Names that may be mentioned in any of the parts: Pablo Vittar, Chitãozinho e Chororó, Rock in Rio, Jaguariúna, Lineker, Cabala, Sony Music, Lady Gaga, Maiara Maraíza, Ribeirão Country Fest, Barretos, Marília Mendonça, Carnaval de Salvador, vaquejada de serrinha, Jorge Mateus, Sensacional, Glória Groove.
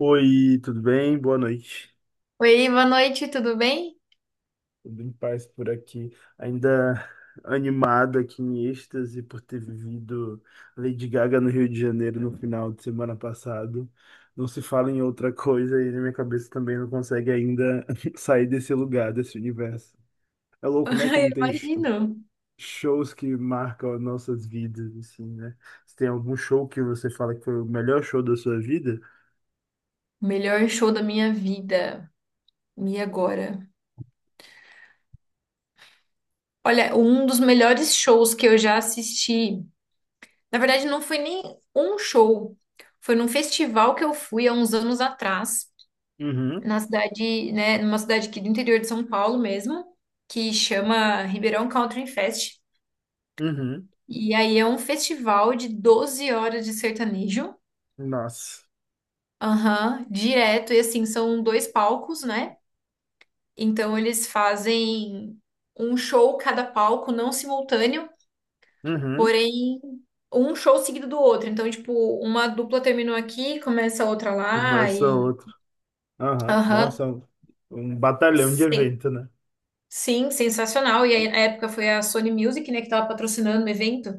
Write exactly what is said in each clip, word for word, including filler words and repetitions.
Oi, tudo bem? Boa noite. Oi, boa noite, tudo bem? Tudo em paz por aqui. Ainda animado aqui em êxtase por ter vivido Lady Gaga no Rio de Janeiro no final de semana passado. Não se fala em outra coisa e na minha cabeça também não consegue ainda sair desse lugar, desse universo. É louco, né? Eu Como tem sh- imagino. shows que marcam as nossas vidas, assim, né? Se tem algum show que você fala que foi o melhor show da sua vida? Melhor show da minha vida. E agora? Olha, um dos melhores shows que eu já assisti. Na verdade, não foi nem um show. Foi num festival que eu fui há uns anos atrás, Uhum, na cidade, né, numa cidade aqui do interior de São Paulo mesmo, que chama Ribeirão Country Fest. uhum. E aí é um festival de doze horas de sertanejo. Nossa. Aham, direto. E assim, são dois palcos, né? Então eles fazem um show cada palco, não simultâneo, Uhum. porém um show seguido do outro. Então, tipo, uma dupla terminou aqui, começa a outra lá Começa e outro. Aham. aham. Nossa, é um um batalhão de Sim. evento, né? Sim, sensacional. E aí, na época foi a Sony Music, né, que tava patrocinando o evento.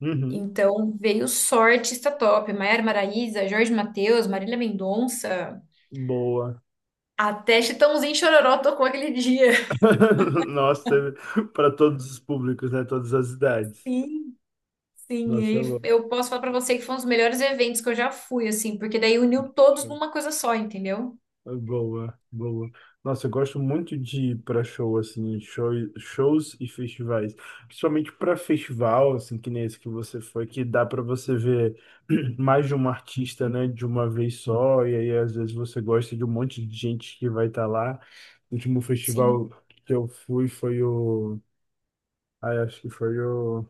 Uhum. Então veio só artista top. Maiara Maraíza, Jorge Mateus, Marília Mendonça, Boa. até Chitãozinho e Chororó tocou aquele dia. Nossa, para todos os públicos, né? Todas as idades. Sim. Sim, e Nossa, é aí louco. eu posso falar pra você que foi um dos melhores eventos que eu já fui, assim, porque daí uniu todos numa coisa só, entendeu? Boa, boa. Nossa, eu gosto muito de ir para show, assim, show, shows e festivais. Principalmente para festival, assim, que nem esse que você foi, que dá para você ver mais de um artista, né, de uma vez só. E aí, às vezes, você gosta de um monte de gente que vai estar lá. O último Sim. festival que eu fui foi o. Ai, acho que foi o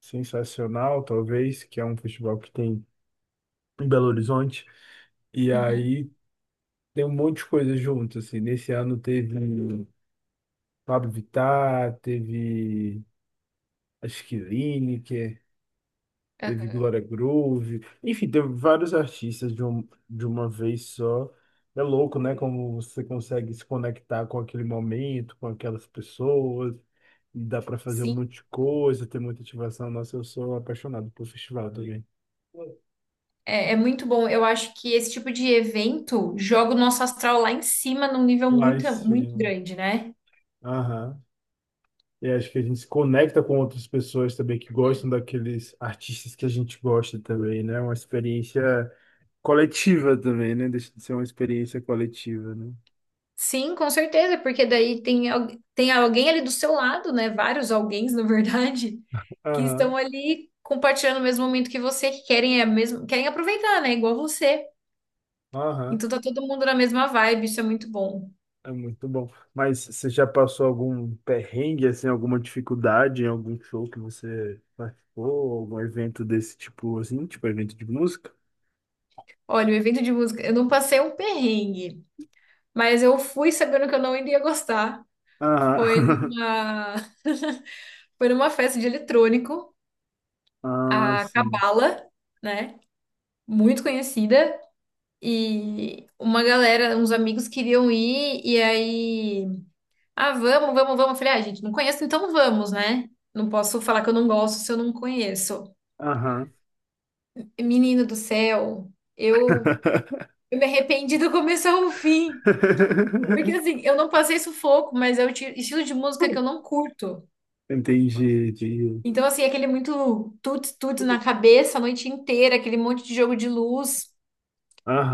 Sensacional, talvez, que é um festival que tem em Belo Horizonte. E Uhum. aí tem um monte de coisa junto, assim. Nesse ano teve. um Pablo Vittar, teve acho que Lineker, teve Aham. Glória Groove, enfim, teve vários artistas de, um, de uma vez só. É louco, né? Como você consegue se conectar com aquele momento, com aquelas pessoas, e dá para fazer um Sim. monte de coisa, ter muita ativação. Nossa, eu sou apaixonado por festival também. É, é muito bom. Eu acho que esse tipo de evento joga o nosso astral lá em cima num nível Lá em muito, muito cima. grande, né? Aham. E acho que a gente se conecta com outras pessoas também que gostam daqueles artistas que a gente gosta também, né? Uma experiência coletiva também, né? Deixa de ser uma experiência coletiva, né? Sim, com certeza, porque daí tem, al- tem alguém ali do seu lado, né? Vários alguéns, na verdade, que estão Aham, ali compartilhando o mesmo momento que você, que querem, a mesmo, querem aproveitar, né? Igual você. aham. Então tá todo mundo na mesma vibe, isso é muito bom. É muito bom. Mas você já passou algum perrengue, assim, alguma dificuldade em algum show que você participou, algum evento desse tipo, assim, tipo evento de música? Olha, o evento de música, eu não passei um perrengue, mas eu fui sabendo que eu não iria gostar. Foi Aham. numa, Foi numa festa de eletrônico, Ah, a sim. Cabala, né? Muito conhecida. E uma galera, uns amigos queriam ir, e aí, ah, vamos, vamos, vamos. Eu falei, ah, gente, não conheço, então vamos, né? Não posso falar que eu não gosto se eu não conheço. Aham. Menino do céu, eu, eu me arrependi do começo ao fim. Porque assim, eu não passei sufoco, mas é o ti- estilo de música que eu não curto. Entendi, entendi. Então, assim, aquele muito tuts tuts na cabeça a noite inteira, aquele monte de jogo de luz.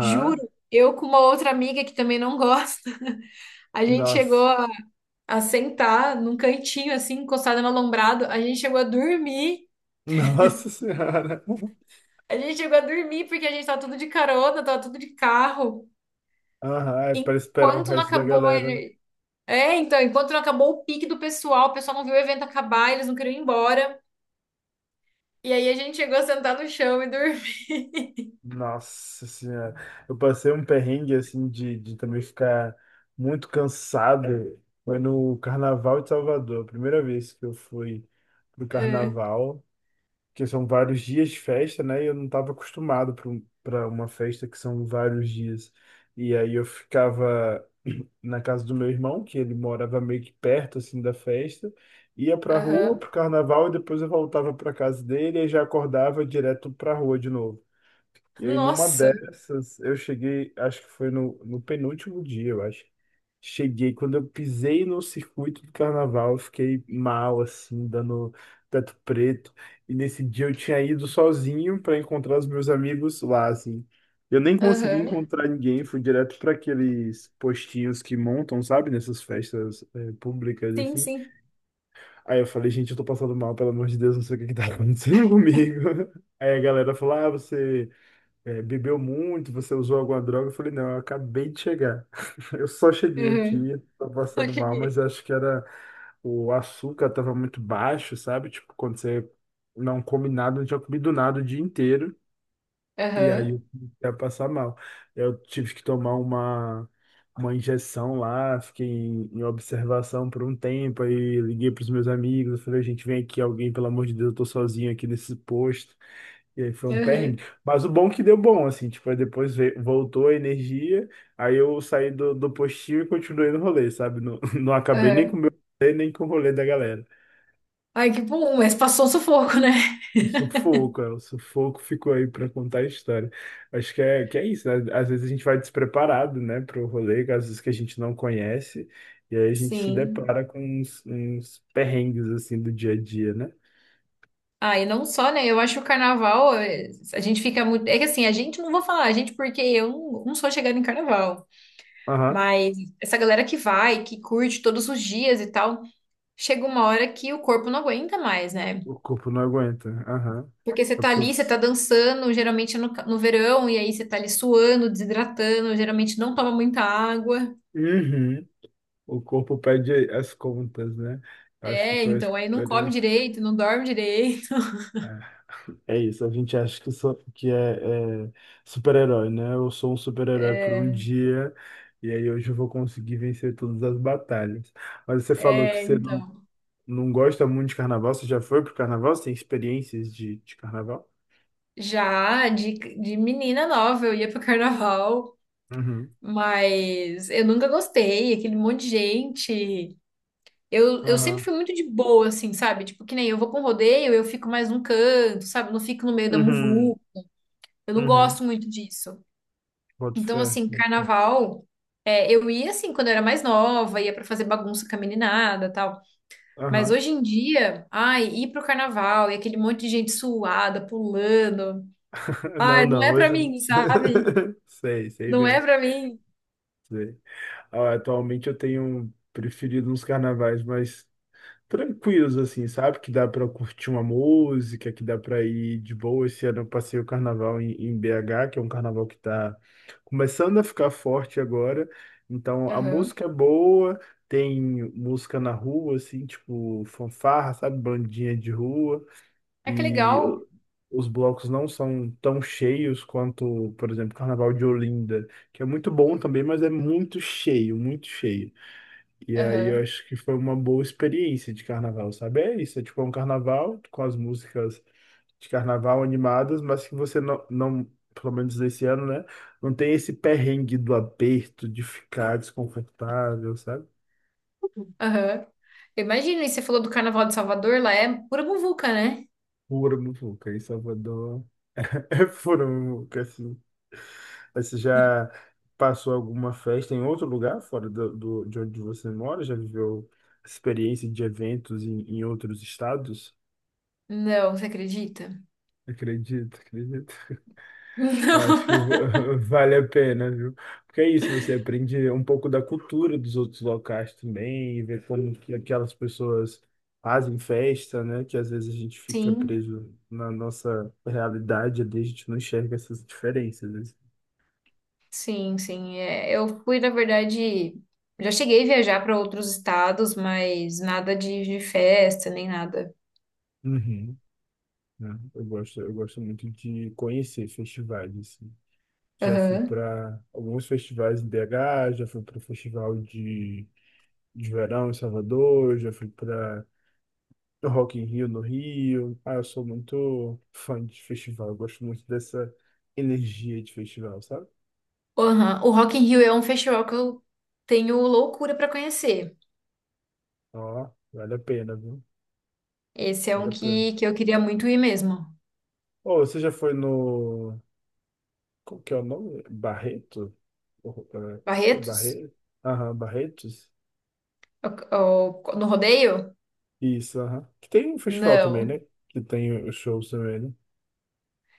Juro, eu com uma outra amiga que também não gosta, a gente chegou Nossa. a, a sentar num cantinho, assim, encostada no alombrado, a gente chegou a dormir. Nossa Senhora. A gente chegou a dormir porque a gente tava tudo de carona, tava tudo de carro. Aham, é para esperar o Enquanto não resto da acabou. galera. É, então, enquanto não acabou o pique do pessoal, o pessoal não viu o evento acabar, eles não queriam ir embora. E aí a gente chegou a sentar no chão e dormir. Nossa Senhora. Eu passei um perrengue, assim, de, de também ficar muito cansado. Foi no Carnaval de Salvador, a primeira vez que eu fui pro Carnaval, que são vários dias de festa, né? E eu não estava acostumado para uma festa que são vários dias. E aí eu ficava. Na casa do meu irmão, que ele morava meio que perto assim da festa, ia pra Ah, rua aham. pro carnaval e depois eu voltava pra casa dele e já acordava direto pra rua de novo. E aí, numa Nossa. dessas, eu cheguei, acho que foi no, no penúltimo dia, eu acho. Cheguei, quando eu pisei no circuito do carnaval, eu fiquei mal, assim, dando teto preto. E nesse dia eu tinha ido sozinho para encontrar os meus amigos lá, assim. Eu nem consegui Aham. encontrar ninguém, fui direto para aqueles postinhos que montam, sabe, nessas festas eh, públicas, Sim, assim. sim. Aí eu falei, gente, eu tô passando mal, pelo amor de Deus, não sei o que que tá acontecendo comigo. Aí a galera falou, ah, você é, bebeu muito, você usou alguma droga? Eu falei, não, eu acabei de chegar. Eu só cheguei Aham. aqui, tô Eu passando mal, mas cheguei. eu acho que era o açúcar tava muito baixo, sabe? Tipo, quando você não come nada, não tinha comido nada o dia inteiro, e aí Aham. eu comecei a passar mal. Eu tive que tomar uma, uma injeção lá, fiquei em, em observação por um tempo, aí liguei pros meus amigos, eu falei, gente, vem aqui alguém, pelo amor de Deus, eu tô sozinho aqui nesse posto. E aí foi um Aham. perrengue. Mas o bom é que deu bom, assim, tipo, aí depois veio- voltou a energia, aí eu saí do, do postinho e continuei no rolê, sabe? Não, não acabei nem com o Aham. meu rolê, nem com o rolê da galera. Ai, que bom, mas passou um sufoco, né? O sufoco, é, o sufoco ficou aí pra contar a história. Acho que é, que é isso, né? Às vezes a gente vai despreparado, né, pro rolê, às vezes que a gente não conhece, e aí a gente se Sim. depara com uns, uns perrengues, assim, do dia a dia, né? Ah, e não só, né? Eu acho que o carnaval, eh, a gente fica muito. É que assim, a gente não vou falar, a gente, porque eu não, não sou chegada em carnaval. Aham, Mas essa galera que vai, que curte todos os dias e tal, chega uma hora que o corpo não aguenta mais, né? o corpo não aguenta, aham. Porque você É tá porque eu... ali, você tá dançando, geralmente no, ca- no verão, e aí você tá ali suando, desidratando, geralmente não toma muita água. Uhum. O corpo pede as contas, né? Acho que É, foi a então aí não come experiência. direito, não dorme direito. Ah, é isso, a gente acha que, só, que é, é super-herói, né? Eu sou um super-herói por um dia, e aí hoje eu vou conseguir vencer todas as batalhas. Mas você falou que É, você não, então. não gosta muito de carnaval, você já foi pro carnaval? Você tem experiências de, de carnaval? Já de, de menina nova, eu ia pro carnaval, Uhum. mas eu nunca gostei, aquele monte de gente. Eu, eu sempre Aham. fui muito de boa, assim, sabe? Tipo, que nem eu vou pra um rodeio, eu fico mais num canto, sabe? Eu não fico no meio da Uhum. muvu. Eu não Uhum. gosto muito disso. Boto Então, fé. assim, Boto fé. carnaval, é, eu ia assim quando eu era mais nova, ia pra fazer bagunça com a meninada, tal. Mas Aham. hoje em dia, ai, ir pro carnaval e aquele monte de gente suada, pulando. Não, Ai, não não, é pra hoje não. mim, sabe? Sei, sei Não é bem. pra mim. Sei. Ah, atualmente eu tenho preferido uns carnavais mais tranquilos, assim, sabe? Que dá pra curtir uma música, que dá pra ir de boa. Esse ano eu passei o carnaval em, em B H, que é um carnaval que tá começando a ficar forte agora. Então a Aham. música é boa, tem música na rua, assim, tipo fanfarra, sabe? Bandinha de rua Ah, que e legal. o- os blocos não são tão cheios quanto, por exemplo, o Carnaval de Olinda, que é muito bom também, mas é muito cheio, muito cheio. E aí eu Aham. acho que foi uma boa experiência de carnaval, sabe? É isso, é tipo é um carnaval com as músicas de carnaval animadas, mas que você não, não, pelo menos esse ano, né? Não tem esse perrengue do aperto, de ficar desconfortável, sabe? Aham. Imagina, e você falou do carnaval de Salvador, lá é pura muvuca, né? Pura muvuca em Salvador. Foram, nunca, assim. Mas você já passou alguma festa em outro lugar, fora do, do- de onde você mora? Já viveu experiência de eventos em, em outros estados? Não, você acredita? Acredito, acredito. Eu acho que va- Não. vale a pena, viu? Porque é isso, você aprende um pouco da cultura dos outros locais também, e ver como que aquelas pessoas fazem festa, né? Que às vezes a gente fica Sim. preso na nossa realidade, ali a gente não enxerga essas diferenças. Né? Sim, sim. É, eu fui, na verdade, já cheguei a viajar para outros estados, mas nada de, de festa, nem nada. Uhum. Né? Eu gosto, eu gosto muito de conhecer festivais, assim. Já fui Aham. para alguns festivais em B H, já fui para o Festival de, de Verão em Salvador, já fui para Rock in Rio no Rio. Ah, eu sou muito fã de festival, eu gosto muito dessa energia de festival, sabe? Aham. O Rock in Rio é um festival que eu tenho loucura para conhecer. Ó, vale a pena, viu? Esse é um Vale a pena. que, que eu queria muito ir mesmo. Ô, você já foi no... Qual que é o nome? Barreto? Oh, é, acho que é Barretos? Barreto. Aham, Barretos? É O- é o- No rodeio? Isso, aham. Que tem um festival também, Não. né? Que tem os shows também, né?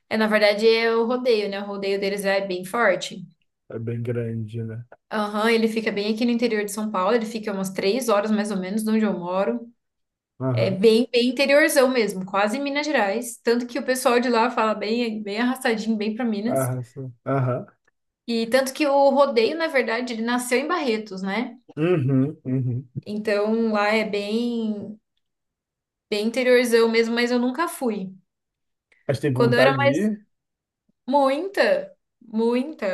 É, na verdade, é o rodeio, né? O rodeio deles é bem forte. É bem grande, né? Aham, ele fica bem aqui no interior de São Paulo, ele fica umas três horas mais ou menos de onde eu moro. É Aham. bem, bem interiorzão mesmo, quase Minas Gerais. Tanto que o pessoal de lá fala bem, bem arrastadinho, bem para Minas. Aham. Sim. Aham. E tanto que o rodeio, na verdade, ele nasceu em Barretos, né? Uhum, uhum. Então lá é bem, bem interiorzão mesmo, mas eu nunca fui. Mas tem Quando eu era vontade de mais, ir? muita, muita.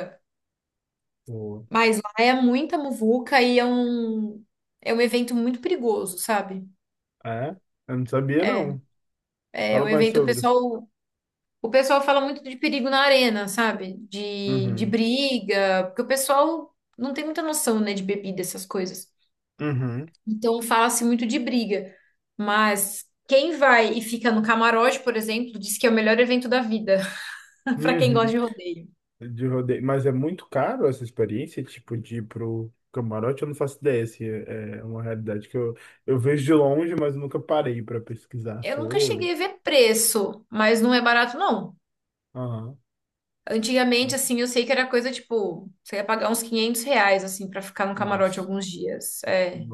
Pô, Mas lá é muita muvuca e é um, é um evento muito perigoso, sabe? é? Eu não sabia, É, não. é Fala um mais evento, o sobre. pessoal. O pessoal fala muito de perigo na arena, sabe? De, de Uhum. briga, porque o pessoal não tem muita noção, né, de bebida, essas coisas. Uhum. Então fala-se muito de briga. Mas quem vai e fica no camarote, por exemplo, diz que é o melhor evento da vida, para quem gosta Uhum. de rodeio. De rodeio. Mas é muito caro essa experiência, tipo, de ir pro camarote? Eu não faço ideia se é é uma realidade que eu, eu vejo de longe, mas nunca parei pra pesquisar Eu nunca sobre. cheguei a ver preço, mas não é barato, não. Aham. Antigamente, assim, eu sei que era coisa tipo, você ia pagar uns quinhentos reais, assim, para ficar no camarote Nossa. alguns dias. É,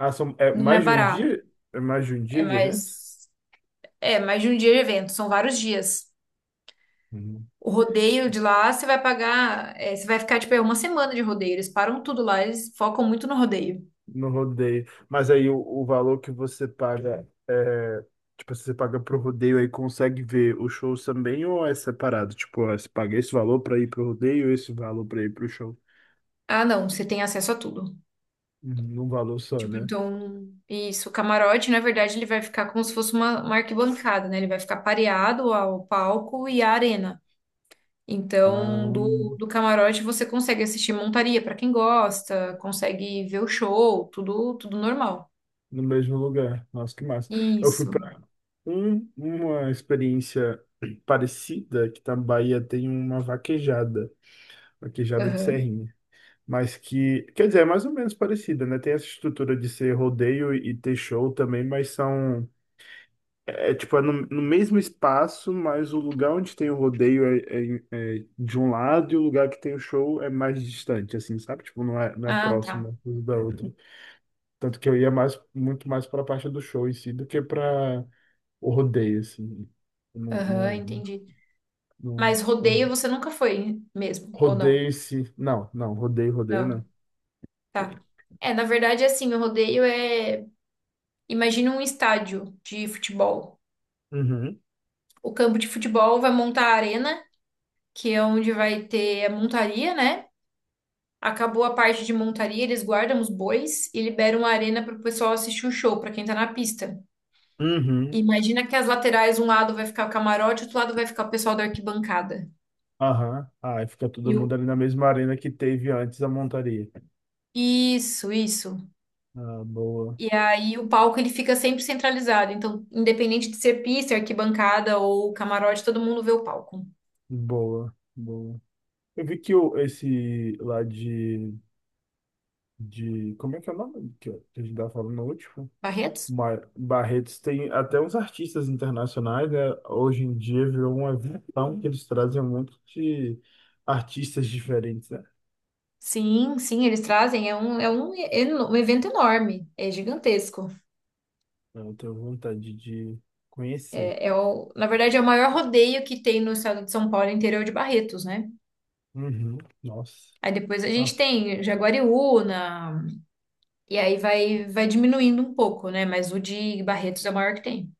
Ah, são, é não é mais de um barato. dia? É mais de um É dia de evento? mais. É, mais de um dia de evento, são vários dias. Uhum. O rodeio de lá, você vai pagar, é, você vai ficar, tipo, é uma semana de rodeio. Eles param tudo lá, eles focam muito no rodeio. No rodeio. Mas aí o, o valor que você paga é. Tipo, se você paga pro rodeio aí consegue ver os shows também ou é separado? Tipo, ó, você paga esse valor pra ir pro rodeio, esse valor pra ir pro show. Ah, não, você tem acesso a tudo. Uhum, num valor só, Tipo, né? então, isso, o camarote, na verdade, ele vai ficar como se fosse uma, uma arquibancada, né? Ele vai ficar pareado ao palco e à arena. Então, Ah, do, do camarote você consegue assistir montaria pra quem gosta, consegue ver o show, tudo, tudo normal. no mesmo lugar. Nossa, que massa. Eu fui Isso. pra um, uma experiência parecida, que tá na Bahia tem uma vaquejada, vaquejada de Aham. serrinha. Mas que, quer dizer, é mais ou menos parecida, né? Tem essa estrutura de ser rodeio e ter show também, mas são, é é, tipo, é no, no mesmo espaço, mas o lugar onde tem o rodeio é, é- é de um lado e o lugar que tem o show é mais distante, assim, sabe? Tipo, não é, não é Ah, tá. próximo um da outra. Tanto que eu ia mais, muito mais para a parte do show em si do que para o rodeio, assim. Não, Aham, não, entendi. não, Mas não. rodeio você nunca foi mesmo, ou não? Rodeio-se. Não, não, rodeio, rodeio Não, não. tá. É, na verdade, assim, o rodeio é. Imagina um estádio de futebol. Uhum. O campo de futebol vai montar a arena, que é onde vai ter a montaria, né? Acabou a parte de montaria, eles guardam os bois e liberam a arena para o pessoal assistir o show, para quem tá na pista. Uhum. Imagina que as laterais, um lado vai ficar o camarote, outro lado vai ficar o pessoal da arquibancada. Aham. Aí fica todo E o... mundo ali na mesma arena que teve antes a montaria. Isso, isso. Ah, boa, E aí o palco ele fica sempre centralizado. Então, independente de ser pista, arquibancada ou camarote, todo mundo vê o palco. boa, boa. Eu vi que o, esse lá de, de. Como é que é o nome que a gente tava falando no último? Barretos? Mar- Barretos tem até uns artistas internacionais, né? Hoje em dia virou uma visão que eles trazem um monte de artistas diferentes, né? Sim, sim, eles trazem. É um, é um, eno- um evento enorme, é gigantesco. Então, eu tenho vontade de conhecer. É, é o, na verdade, é o maior rodeio que tem no estado de São Paulo, interior de Barretos, né? Uhum. Nossa, Aí depois a gente nossa, tem Jaguariúna, e aí vai, vai diminuindo um pouco, né? Mas o de Barretos é o maior que tem.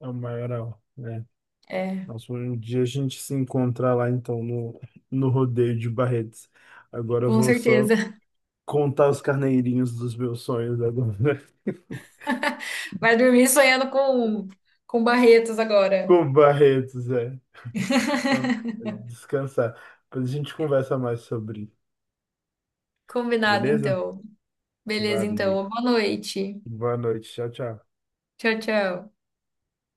é o maior, né? É, Nossa, um dia a gente se encontrar lá então no, no rodeio de Barretos. Agora eu com vou só certeza. contar os carneirinhos dos meus sonhos agora. Vai dormir sonhando com, com Barretos agora. Com Barretos, é. Ó, descansar. Depois a gente conversa mais sobre, Combinado, beleza? então. Beleza, Valeu. então. Boa noite. Boa noite. Tchau, tchau. Tchau, tchau.